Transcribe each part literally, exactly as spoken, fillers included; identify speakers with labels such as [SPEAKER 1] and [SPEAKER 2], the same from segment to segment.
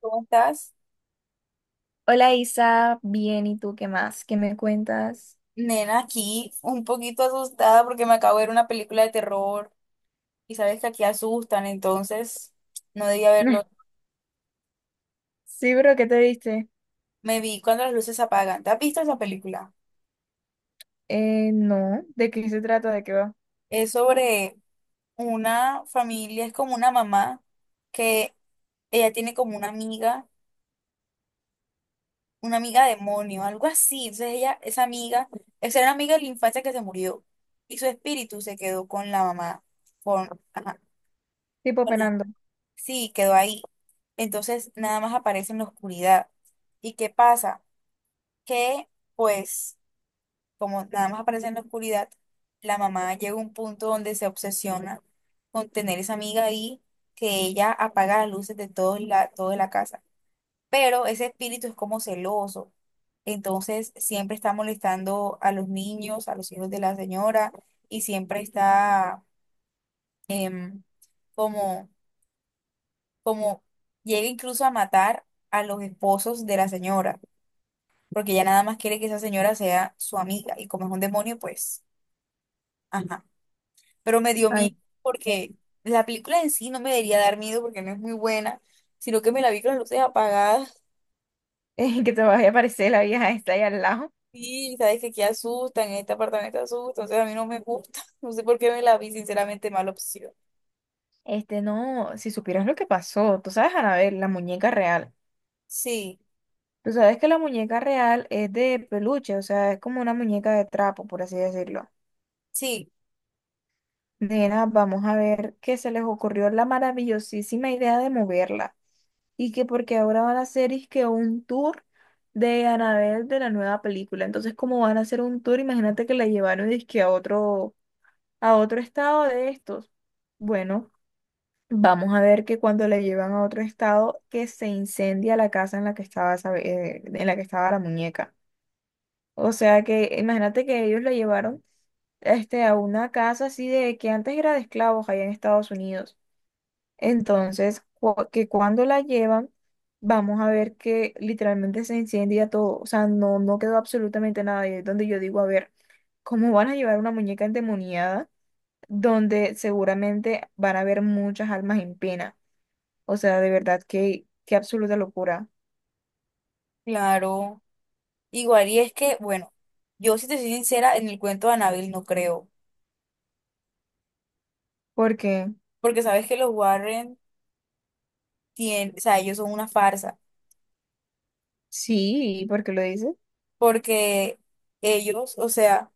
[SPEAKER 1] ¿Cómo estás?
[SPEAKER 2] Hola Isa, bien, ¿y tú qué más? ¿Qué me cuentas?
[SPEAKER 1] Nena, aquí un poquito asustada porque me acabo de ver una película de terror y sabes que aquí asustan, entonces no debía verlo.
[SPEAKER 2] Sí, pero ¿qué te diste?
[SPEAKER 1] Me vi Cuando las luces se apagan. ¿Te has visto esa película?
[SPEAKER 2] Eh, no, ¿de qué se trata? ¿De qué va?
[SPEAKER 1] Es sobre una familia, es como una mamá que ella tiene como una amiga, una amiga demonio, algo así. Entonces ella, esa amiga, esa era una amiga de la infancia que se murió y su espíritu se quedó con la mamá. Con, ajá.
[SPEAKER 2] Tipo penando.
[SPEAKER 1] Sí, quedó ahí. Entonces nada más aparece en la oscuridad. ¿Y qué pasa? Que pues como nada más aparece en la oscuridad, la mamá llega a un punto donde se obsesiona con tener esa amiga ahí que ella apaga las luces de todo la, toda la casa. Pero ese espíritu es como celoso. Entonces siempre está molestando a los niños, a los hijos de la señora y siempre está em, como como llega incluso a matar a los esposos de la señora, porque ella nada más quiere que esa señora sea su amiga, y como es un demonio, pues, ajá. Pero me dio
[SPEAKER 2] Ay,
[SPEAKER 1] miedo porque la película en sí no me debería dar miedo porque no es muy buena, sino que me la vi con las luces apagadas.
[SPEAKER 2] eh, que te vaya a aparecer la vieja esta ahí al lado.
[SPEAKER 1] Y sabes que aquí asustan, en este apartamento asustan, entonces a mí no me gusta. No sé por qué me la vi, sinceramente, mala opción.
[SPEAKER 2] Este, no, si supieras lo que pasó, tú sabes, Anabel, la muñeca real.
[SPEAKER 1] Sí,
[SPEAKER 2] Tú sabes que la muñeca real es de peluche, o sea, es como una muñeca de trapo, por así decirlo.
[SPEAKER 1] sí,
[SPEAKER 2] Nena, vamos a ver que se les ocurrió la maravillosísima idea de moverla y que porque ahora van a hacer es que un tour de Anabel de la nueva película. Entonces, como van a hacer un tour, imagínate que la llevaron dizque a otro, a otro estado de estos. Bueno, vamos a ver que cuando la llevan a otro estado, que se incendia la casa en la que estaba, esa- eh, en la que estaba la muñeca. O sea que imagínate que ellos lo llevaron este, a una casa así de que antes era de esclavos allá en Estados Unidos. Entonces, cu- que cuando la llevan, vamos a ver que literalmente se incendia todo. O sea, no, no quedó absolutamente nada. Y es donde yo digo, a ver, ¿cómo van a llevar una muñeca endemoniada donde seguramente van a haber muchas almas en pena? O sea, de verdad, qué, qué absoluta locura.
[SPEAKER 1] claro. Igual, y es que, bueno, yo si te soy sincera, en el cuento de Anabel no creo.
[SPEAKER 2] Porque,
[SPEAKER 1] Porque sabes que los Warren tienen, o sea, ellos son una farsa,
[SPEAKER 2] sí, ¿por qué lo dices?
[SPEAKER 1] porque ellos, o sea,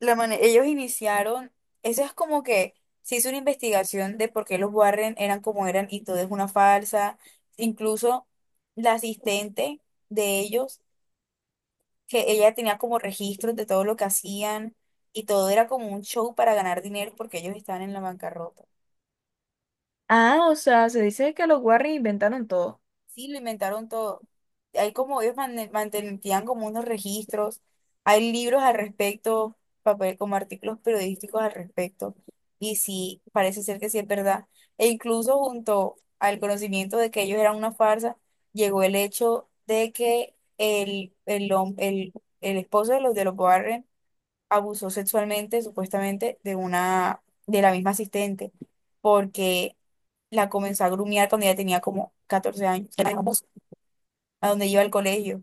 [SPEAKER 1] la mane- ellos iniciaron, eso es como que se hizo una investigación de por qué los Warren eran como eran y todo es una farsa, incluso la asistente de ellos, que ella tenía como registros de todo lo que hacían y todo era como un show para ganar dinero porque ellos estaban en la bancarrota.
[SPEAKER 2] Ah, o sea, se dice que los Warren inventaron todo.
[SPEAKER 1] Sí, lo inventaron todo. Hay como ellos mane- mantenían como unos registros, hay libros al respecto, papel, como artículos periodísticos al respecto. Y sí, parece ser que sí es verdad. E incluso junto al conocimiento de que ellos eran una farsa, llegó el hecho de que el, el, hom- el, el esposo de los de los Warren abusó sexualmente, supuestamente, de una, de la misma asistente, porque la comenzó a grumiar cuando ella tenía como catorce años a donde iba al colegio.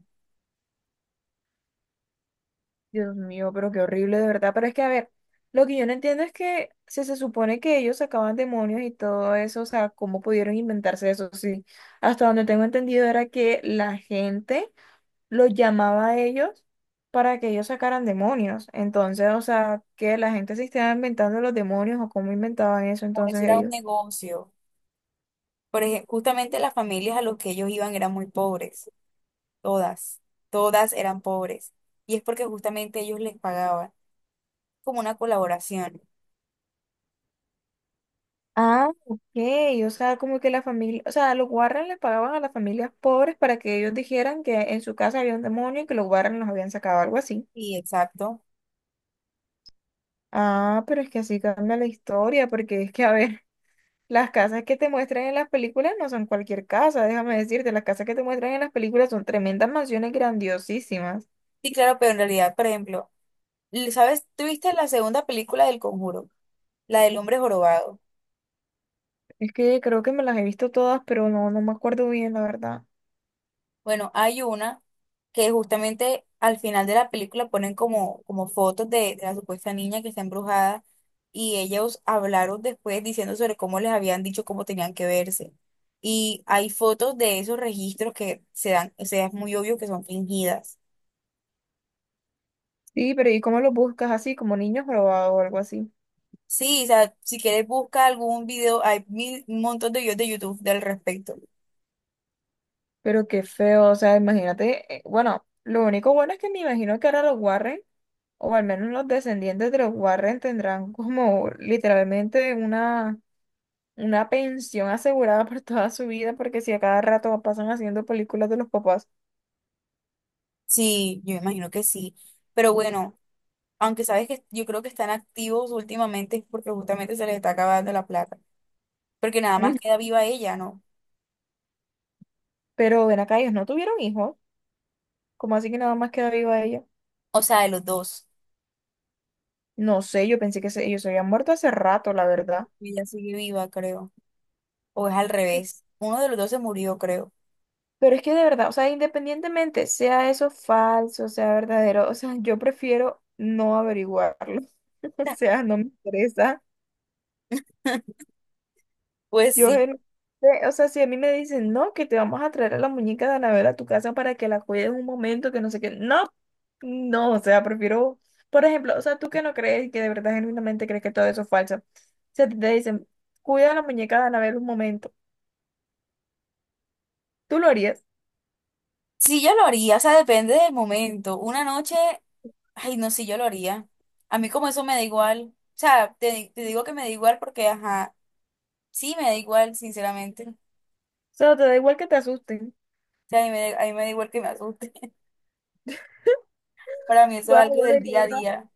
[SPEAKER 2] Dios mío, pero qué horrible de verdad. Pero es que, a ver, lo que yo no entiendo es que si se supone que ellos sacaban demonios y todo eso, o sea, ¿cómo pudieron inventarse eso? Sí, hasta donde tengo entendido era que la gente los llamaba a ellos para que ellos sacaran demonios. Entonces, o sea, que la gente se estaba inventando los demonios o cómo inventaban eso
[SPEAKER 1] O eso
[SPEAKER 2] entonces
[SPEAKER 1] era un
[SPEAKER 2] ellos.
[SPEAKER 1] negocio. Por ejemplo, justamente las familias a los que ellos iban eran muy pobres, todas, todas eran pobres. Y es porque justamente ellos les pagaban como una colaboración.
[SPEAKER 2] Ah, ok, o sea, como que la familia, o sea, los Warren le pagaban a las familias pobres para que ellos dijeran que en su casa había un demonio y que los Warren los habían sacado, algo así.
[SPEAKER 1] Sí, exacto.
[SPEAKER 2] Ah, pero es que así cambia la historia, porque es que, a ver, las casas que te muestran en las películas no son cualquier casa, déjame decirte, las casas que te muestran en las películas son tremendas mansiones grandiosísimas.
[SPEAKER 1] Sí, claro, pero en realidad, por ejemplo, ¿sabes? ¿Tuviste la segunda película del Conjuro? La del hombre jorobado.
[SPEAKER 2] Es que creo que me las he visto todas, pero no, no me acuerdo bien, la verdad.
[SPEAKER 1] Bueno, hay una que justamente al final de la película ponen como, como fotos de, de la supuesta niña que está embrujada y ellos hablaron después diciendo sobre cómo les habían dicho cómo tenían que verse. Y hay fotos de esos registros que se dan, o sea, es muy obvio que son fingidas.
[SPEAKER 2] Sí, pero ¿y cómo los buscas así, como niños robados o algo así?
[SPEAKER 1] Sí, o sea, si quieres busca algún video, hay mil, un montón de videos de YouTube del respecto.
[SPEAKER 2] Pero qué feo, o sea, imagínate, eh, bueno, lo único bueno es que me imagino que ahora los Warren, o al menos los descendientes de los Warren, tendrán como literalmente una, una pensión asegurada por toda su vida, porque si a cada rato pasan haciendo películas de los papás.
[SPEAKER 1] Sí, yo me imagino que sí. Pero bueno, aunque sabes que yo creo que están activos últimamente es porque justamente se les está acabando la plata, porque nada más
[SPEAKER 2] Mm.
[SPEAKER 1] queda viva ella, ¿no?
[SPEAKER 2] Pero ven acá, ellos no tuvieron hijos, como así que nada más queda viva ella?
[SPEAKER 1] O sea, de los dos.
[SPEAKER 2] No sé, yo pensé que se- ellos se habían muerto hace rato, la verdad.
[SPEAKER 1] Ella sigue viva, creo. O es al revés. Uno de los dos se murió, creo.
[SPEAKER 2] Pero es que de verdad, o sea, independientemente sea eso falso, sea verdadero, o sea, yo prefiero no averiguarlo. O sea, no me interesa.
[SPEAKER 1] Pues
[SPEAKER 2] Yo,
[SPEAKER 1] sí.
[SPEAKER 2] en- eh, o sea, si a mí me dicen, no, que te vamos a traer a la muñeca de Anabel a tu casa para que la cuides un momento, que no sé qué, no, no, o sea, prefiero, por ejemplo, o sea, tú que no crees y que de verdad genuinamente crees que todo eso es falso, o sea, te dicen, cuida a la muñeca de Anabel un momento, ¿tú lo harías? O
[SPEAKER 1] Sí, yo lo haría, o sea, depende del momento. Una noche, ay, no, sí, yo lo haría. A mí como eso me da igual. O sea, te, di- te digo que me da igual porque, ajá, sí, me da igual, sinceramente. O
[SPEAKER 2] sea, te da igual que te asusten.
[SPEAKER 1] sea, a mí me, da- a mí me da igual que me asuste. Para mí eso es
[SPEAKER 2] Bueno,
[SPEAKER 1] algo del
[SPEAKER 2] bueno,
[SPEAKER 1] día a día.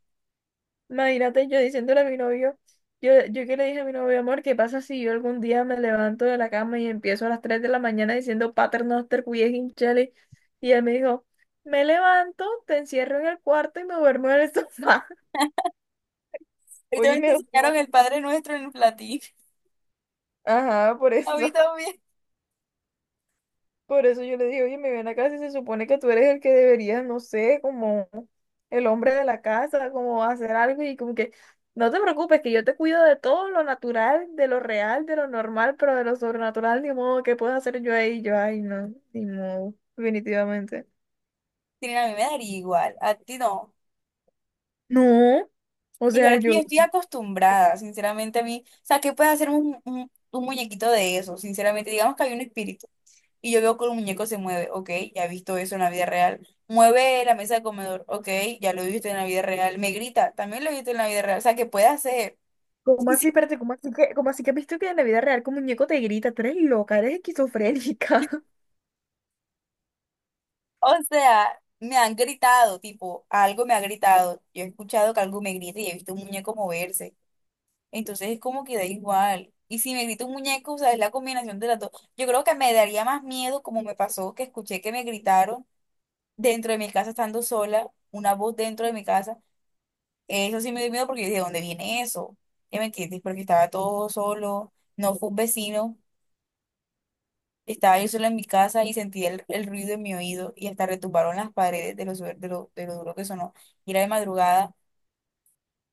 [SPEAKER 2] imagínate yo diciéndole a mi novio, yo, yo que le dije a mi novio, amor, ¿qué pasa si yo algún día me levanto de la cama y empiezo a las tres de la mañana diciendo Paternoster, cuye hinchale? Y él me dijo, me levanto, te encierro en el cuarto y me duermo en el sofá.
[SPEAKER 1] Y
[SPEAKER 2] Oye,
[SPEAKER 1] también te
[SPEAKER 2] me...
[SPEAKER 1] enseñaron el Padre Nuestro en el platillo.
[SPEAKER 2] Ajá, por
[SPEAKER 1] A mí
[SPEAKER 2] eso.
[SPEAKER 1] también.
[SPEAKER 2] Por eso yo le digo, oye, me ven acá si se supone que tú eres el que deberías no sé, como el hombre de la casa, como hacer algo y como que, no te preocupes, que yo te cuido de todo lo natural, de lo real, de lo normal, pero de lo sobrenatural, ni modo, ¿qué puedo hacer yo ahí? Yo, ay, no, ni modo, definitivamente.
[SPEAKER 1] Sí, a mí me daría igual, a ti no.
[SPEAKER 2] No, o sea,
[SPEAKER 1] Igual que yo
[SPEAKER 2] yo,
[SPEAKER 1] estoy acostumbrada, sinceramente a mí, o sea, ¿qué puede hacer un, un- un muñequito de eso? Sinceramente, digamos que hay un espíritu y yo veo que el muñeco se mueve, ok, ya he visto eso en la vida real. Mueve la mesa de comedor, ok, ya lo he visto en la vida real. Me grita, también lo he visto en la vida real, o sea, ¿qué puede hacer?
[SPEAKER 2] ¿cómo
[SPEAKER 1] Sí,
[SPEAKER 2] así,
[SPEAKER 1] sí.
[SPEAKER 2] espérate, cómo así que, cómo así que has visto que en la vida real que un muñeco te grita, tú eres loca, eres esquizofrénica?
[SPEAKER 1] O sea, me han gritado, tipo, algo me ha gritado, yo he escuchado que algo me grita y he visto un muñeco moverse. Entonces es como que da igual. Y si me grita un muñeco, o sea, es la combinación de las dos. Yo creo que me daría más miedo, como me pasó, que escuché que me gritaron dentro de mi casa estando sola, una voz dentro de mi casa. Eso sí me dio miedo porque yo dije, ¿de dónde viene eso? ¿Ya me entiendes? Porque estaba todo solo, no fue un vecino, estaba yo sola en mi casa y sentí el, el ruido en mi oído y hasta retumbaron las paredes de lo, suer- de lo, de lo duro que sonó. Y era de madrugada.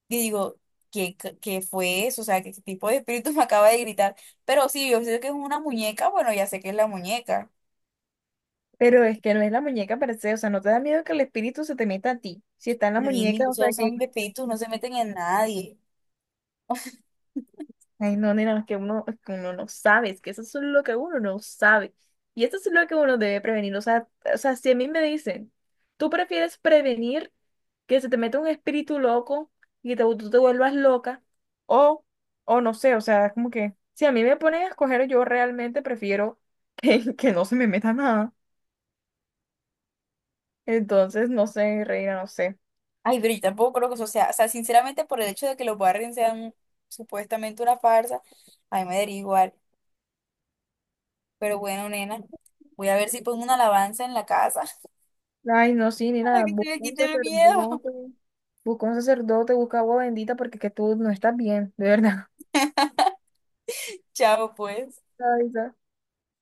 [SPEAKER 1] Y digo, ¿qué, c- ¿qué fue eso? O sea, ¿qué tipo de espíritu me acaba de gritar? Pero sí, yo sé que es una muñeca, bueno, ya sé que es la muñeca.
[SPEAKER 2] Pero es que no es la muñeca per se, o sea, no te da miedo que el espíritu se te meta a ti. Si está en la
[SPEAKER 1] A mí
[SPEAKER 2] muñeca, o
[SPEAKER 1] incluso
[SPEAKER 2] sea
[SPEAKER 1] esos
[SPEAKER 2] que,
[SPEAKER 1] espíritus no se meten en nadie.
[SPEAKER 2] ay no, nena, es que uno, es que uno no sabe, es que eso es lo que uno no sabe. Y eso es lo que uno debe prevenir. O sea, o sea, si a mí me dicen, tú prefieres prevenir que se te meta un espíritu loco y te, tú te vuelvas loca, o, o no sé, o sea, es como que, si a mí me ponen a escoger, yo realmente prefiero que, que no se me meta nada. Entonces, no sé, reina, no sé.
[SPEAKER 1] Ay, pero yo tampoco creo que eso sea, o sea, sinceramente por el hecho de que los Warren sean supuestamente una farsa, a mí me daría igual. Pero bueno, nena, voy a ver si pongo una alabanza en la casa
[SPEAKER 2] Ay, no, sí, ni
[SPEAKER 1] para
[SPEAKER 2] nada.
[SPEAKER 1] que se
[SPEAKER 2] Busca
[SPEAKER 1] me
[SPEAKER 2] un
[SPEAKER 1] quite el miedo.
[SPEAKER 2] sacerdote. Busca un sacerdote, busca agua bendita porque que tú no estás bien, de verdad.
[SPEAKER 1] Chao, pues.
[SPEAKER 2] Ay, no.